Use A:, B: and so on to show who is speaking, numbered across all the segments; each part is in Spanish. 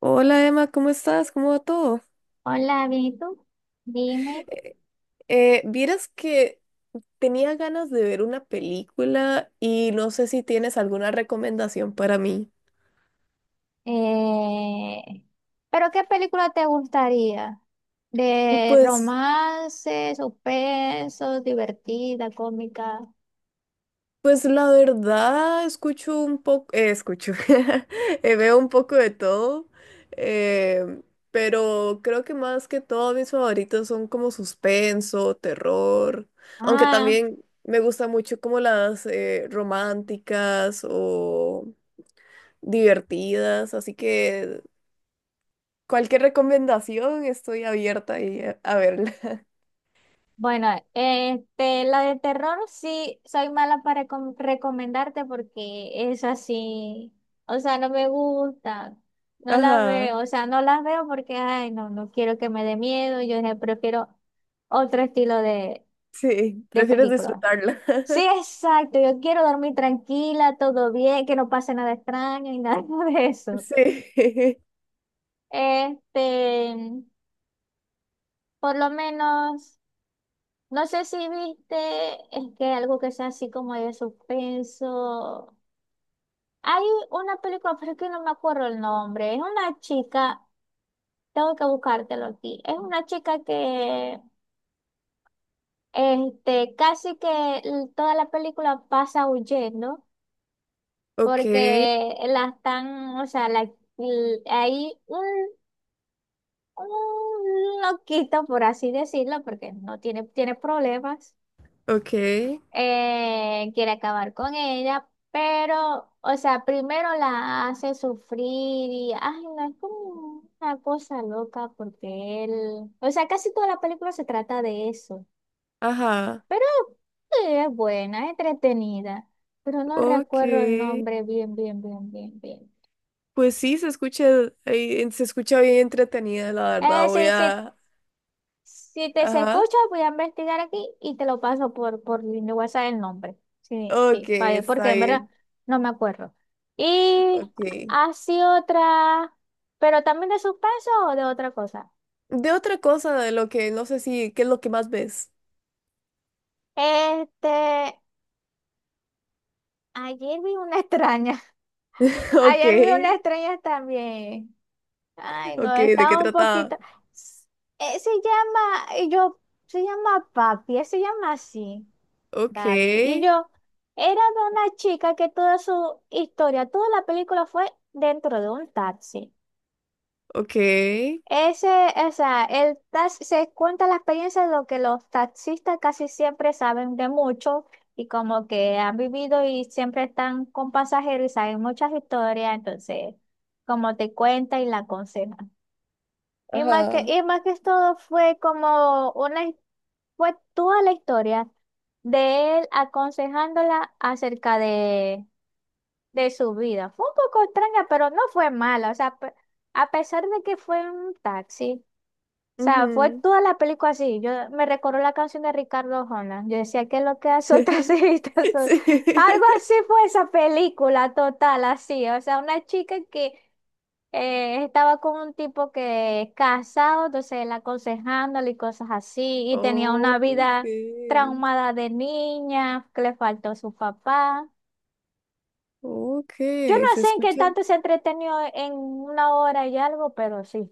A: Hola Emma, ¿cómo estás? ¿Cómo va todo?
B: Hola, bien, ¿y tú? Dime,
A: Eh, vieras que tenía ganas de ver una película y no sé si tienes alguna recomendación para mí.
B: eh, ¿pero qué película te gustaría? ¿De
A: Pues,
B: romance, suspenso, divertida, cómica?
A: pues la verdad, escucho un poco, escucho, veo un poco de todo, eh, pero creo que más que todo mis favoritos son como suspenso, terror, aunque
B: Ah,
A: también me gusta mucho como las románticas o divertidas, así que cualquier recomendación estoy abierta y a verla.
B: bueno, este, la de terror sí soy mala para recomendarte porque es así, o sea, no me gusta, no la
A: Ajá,
B: veo, o sea, no las veo porque, ay, no, no quiero que me dé miedo, yo prefiero otro estilo de,
A: sí,
B: de
A: prefieres
B: película.
A: disfrutarla.
B: Sí, exacto, yo quiero dormir tranquila, todo bien, que no pase nada extraño y nada de eso.
A: Sí.
B: Este, por lo menos, no sé si viste, es que algo que sea así como de suspenso. Hay una película, pero es que no me acuerdo el nombre, es una chica, tengo que buscártelo aquí, es una chica que, este, casi que toda la película pasa huyendo
A: Ok,
B: porque la están, o sea, la, hay un loquito, por así decirlo, porque no tiene, tiene problemas,
A: ok,
B: quiere acabar con ella, pero, o sea, primero la hace sufrir y, ay, no, es como una cosa loca porque él, o sea, casi toda la película se trata de eso,
A: ajá,
B: pero sí, es buena, es entretenida, pero no recuerdo el
A: ok.
B: nombre bien, bien, bien, bien, bien.
A: Pues sí, se escucha bien entretenida, la verdad. Voy
B: Sí, sí,
A: a,
B: si te se
A: ajá,
B: escucha, voy a investigar aquí y te lo paso por mi WhatsApp el nombre. Sí,
A: ok,
B: sí, porque
A: está
B: en verdad
A: bien,
B: no me acuerdo. Y
A: ok.
B: así otra, pero también de suspenso o de otra cosa.
A: De otra cosa, de lo que no sé si, ¿qué es lo que más ves?
B: Este, ayer vi una extraña.
A: Ok,
B: Ayer vi una extraña también. Ay,
A: ok,
B: no,
A: ¿de qué
B: estaba un
A: trataba?
B: poquito. S- se llama, y yo, se llama Papi, se llama así. Daddy. Y
A: Ok.
B: yo era de una chica que toda su historia, toda la película fue dentro de un taxi.
A: Ok.
B: Ese, o sea, el taxi se cuenta la experiencia de lo que los taxistas casi siempre saben de mucho y como que han vivido y siempre están con pasajeros y saben muchas historias, entonces como te cuenta y la aconseja.
A: Ajá.
B: Y más que todo fue como fue toda la historia de él aconsejándola acerca de su vida. Fue un poco extraña, pero no fue mala. O sea, a pesar de que fue un taxi, o sea, fue
A: Ujú.
B: toda la película así. Yo me recordó la canción de Ricardo Arjona. Yo decía que lo que hace un taxista son-".
A: Sí.
B: Algo así fue esa película total, así. O sea, una chica que estaba con un tipo que es casado, entonces él aconsejándole y cosas así, y tenía una vida
A: Okay.
B: traumada de niña, que le faltó su papá.
A: Ok,
B: Yo no
A: se
B: sé en qué
A: escucha.
B: tanto se entretenió en 1 hora y algo, pero sí.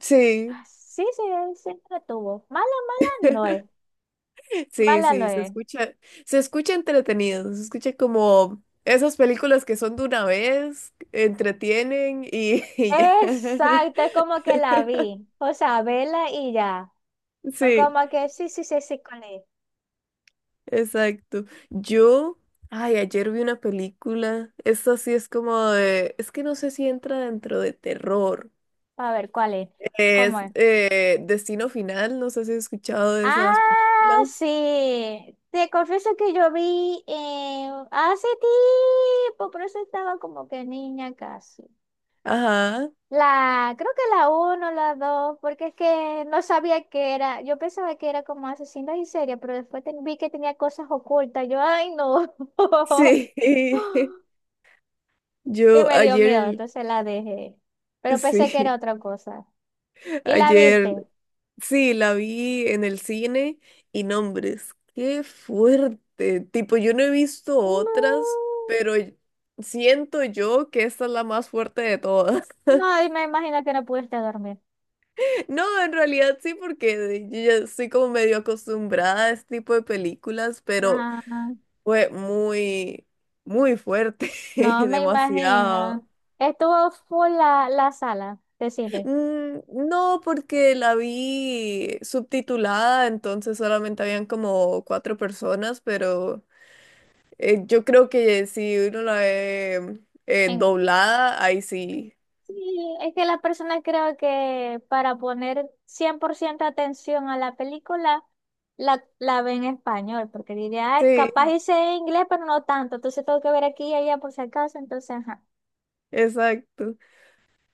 A: Sí,
B: Sí, sí, él se entretuvo. Mala, mala no es.
A: sí,
B: Mala no
A: sí, se
B: es.
A: escucha. Se escucha entretenido, se escucha como esas películas que son de una vez, entretienen y, y ya.
B: Exacto, es como que la vi. O sea, vela y ya. O
A: Sí,
B: como que sí, sí, sí, sí, cuál es.
A: exacto. Yo, ay, ayer vi una película. Esta sí es como de, es que no sé si entra dentro de terror.
B: A ver, cuál es. ¿Cómo
A: Es
B: es?
A: Destino Final, no sé si has escuchado de esas
B: Ah,
A: películas.
B: sí. Te confieso que yo vi hace tiempo, pero eso estaba como que niña casi.
A: Ajá,
B: La, creo que la uno, la dos, porque es que no sabía que era. Yo pensaba que era como asesinos en serie, pero después vi que tenía cosas ocultas. Yo, ay, no.
A: sí.
B: Y
A: Yo
B: me dio miedo,
A: ayer,
B: entonces la dejé. Pero pensé que era
A: sí,
B: otra cosa. ¿Y la
A: ayer,
B: viste?
A: sí, la vi en el cine y nombres, qué fuerte. Tipo, yo no he visto
B: No.
A: otras, pero siento yo que esta es la más fuerte de todas.
B: No, y me imagino que no pudiste dormir.
A: No, en realidad sí, porque yo ya estoy como medio acostumbrada a este tipo de películas, pero
B: Ah.
A: fue muy, muy fuerte,
B: No me imagino.
A: demasiado.
B: Estuvo full la sala de cine.
A: Mm, no, porque la vi subtitulada, entonces solamente habían como cuatro personas, pero yo creo que si uno la ve
B: En-
A: doblada, ahí sí.
B: Sí, es que las personas creo que para poner 100% atención a la película, la ven en español, porque diría, "Ay, capaz
A: Sí,
B: hice inglés, pero no tanto, entonces tengo que ver aquí y allá por si acaso, entonces, ajá,
A: exacto.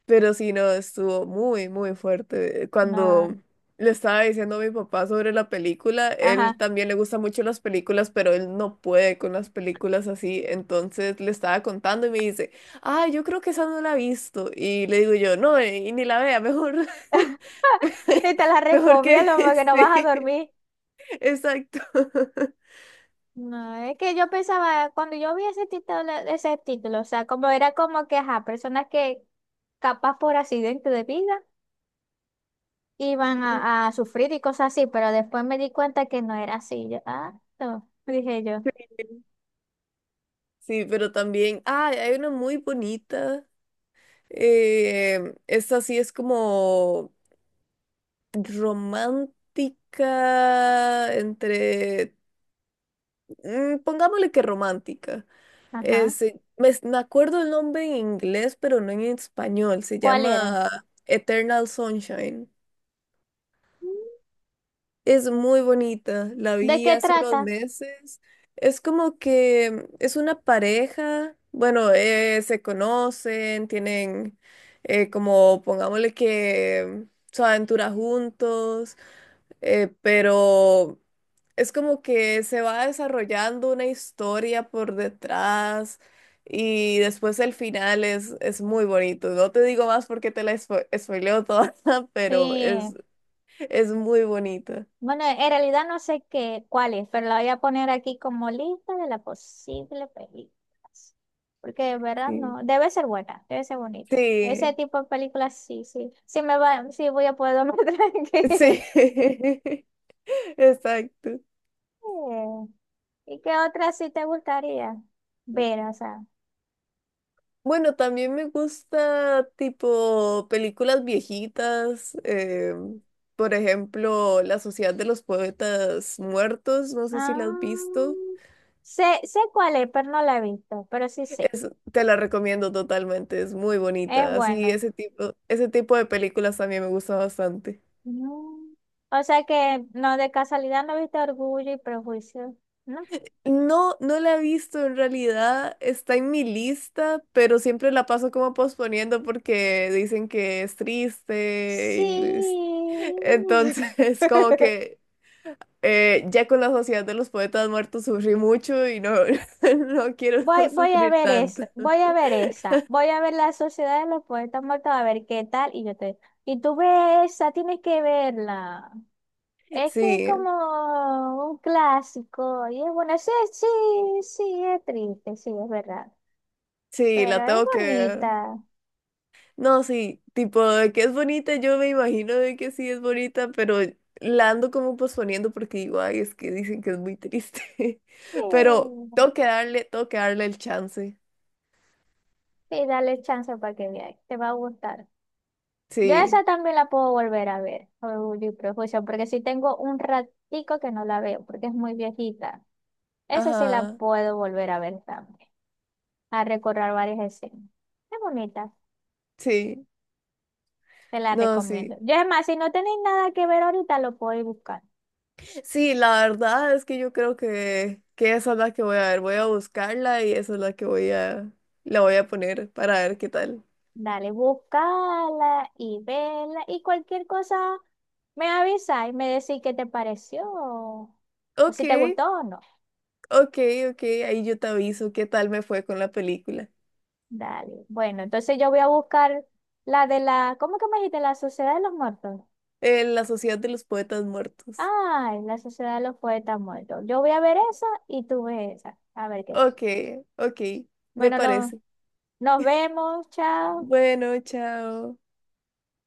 A: Pero sí, no, estuvo muy, muy fuerte. Cuando
B: no,
A: le estaba diciendo a mi papá sobre la película, él
B: ajá.
A: también le gusta mucho las películas, pero él no puede con las películas así. Entonces le estaba contando y me dice, ah, yo creo que esa no la he visto. Y le digo yo, no, y ni la vea, mejor,
B: Y te la
A: mejor que,
B: recomiendo porque no vas a
A: sí,
B: dormir.
A: exacto.
B: No, es que yo pensaba, cuando yo vi ese título, o sea, como era como que, ajá, personas que capaz por accidente de vida, iban a sufrir y cosas así, pero después me di cuenta que no era así. Yo, ah, no, dije yo,
A: Sí, pero también, ah, hay una muy bonita. Esta sí es como romántica entre, mm, pongámosle que romántica.
B: ajá,
A: Me acuerdo el nombre en inglés, pero no en español. Se
B: ¿cuál era?
A: llama Eternal Sunshine.
B: Mm,
A: Es muy bonita. La
B: ¿de
A: vi
B: qué
A: hace unos
B: trata?
A: meses. Es como que mm, es una pareja. Bueno, se conocen, tienen como, pongámosle que mm, su aventura juntos. Pero es como que se va desarrollando una historia por detrás y después el final es muy bonito. No te digo más porque te la spoileo toda, pero
B: Sí.
A: es muy bonito.
B: Bueno, en realidad no sé qué, cuál es, pero la voy a poner aquí como lista de las posibles películas. Porque de verdad
A: Sí,
B: no, debe ser buena, debe ser bonita. Ese
A: sí,
B: tipo de películas sí, sí. Sí me va, sí voy a poder dormir tranquila.
A: sí, exacto.
B: Eh, ¿Y qué otra sí te gustaría ver? O sea,
A: Bueno, también me gusta tipo películas viejitas, por ejemplo, La Sociedad de los Poetas Muertos, no sé si la has
B: ah,
A: visto,
B: sé, sé cuál es, pero no la he visto, pero sí sé.
A: es, te la recomiendo totalmente, es muy
B: Es
A: bonita, así
B: buena.
A: ese tipo de películas también me gusta bastante.
B: Mm. O sea que no, de casualidad no viste Orgullo y Prejuicio, ¿no?
A: No, no la he visto en realidad, está en mi lista, pero siempre la paso como posponiendo porque dicen que es triste y
B: Sí.
A: entonces como que... ya con la Sociedad de los Poetas Muertos sufrí mucho y no, no quiero
B: Voy, voy a
A: sufrir
B: ver
A: tanto.
B: eso, voy a ver esa, voy a ver La Sociedad de los Poetas Muertos, a ver qué tal, y yo te... Y tú ves esa, tienes que verla. Es que es
A: Sí,
B: como un clásico, y es bueno, sí, sí, sí, es triste, sí, es verdad.
A: sí,
B: Pero
A: la
B: es
A: tengo que ver.
B: bonita.
A: No, sí, tipo de que es bonita, yo me imagino de que sí es bonita, pero la ando como posponiendo porque digo, ay, es que dicen que es muy triste. Pero
B: Sí.
A: tengo que darle el chance.
B: Sí, dale chance para que veas. Te va a gustar. Yo
A: Sí,
B: esa también la puedo volver a ver, Orgullo y Prejuicio, porque si tengo un ratico que no la veo, porque es muy viejita. Esa sí la
A: ajá,
B: puedo volver a ver también, a recorrer varias escenas. Es bonita,
A: sí,
B: te la
A: no,
B: recomiendo.
A: sí.
B: Yo es más, si no tenéis nada que ver ahorita, lo podéis buscar.
A: Sí, la verdad es que yo creo que esa es la que voy a ver. Voy a buscarla y esa es la que voy a, la voy a poner para ver qué tal.
B: Dale, buscala y vela y cualquier cosa me avisa y me decís qué te pareció o
A: Ok,
B: si te gustó o no.
A: ok, ok, ahí yo te aviso qué tal me fue con la película.
B: Dale. Bueno, entonces yo voy a buscar la de la, ¿cómo que me dijiste? La Sociedad de los Muertos.
A: La Sociedad de los Poetas Muertos.
B: Ay, la Sociedad de los Poetas Muertos. Yo voy a ver esa y tú ves esa. A ver qué tal.
A: Ok, ok, me
B: Bueno,
A: parece.
B: nos vemos. Chao.
A: Bueno, chao.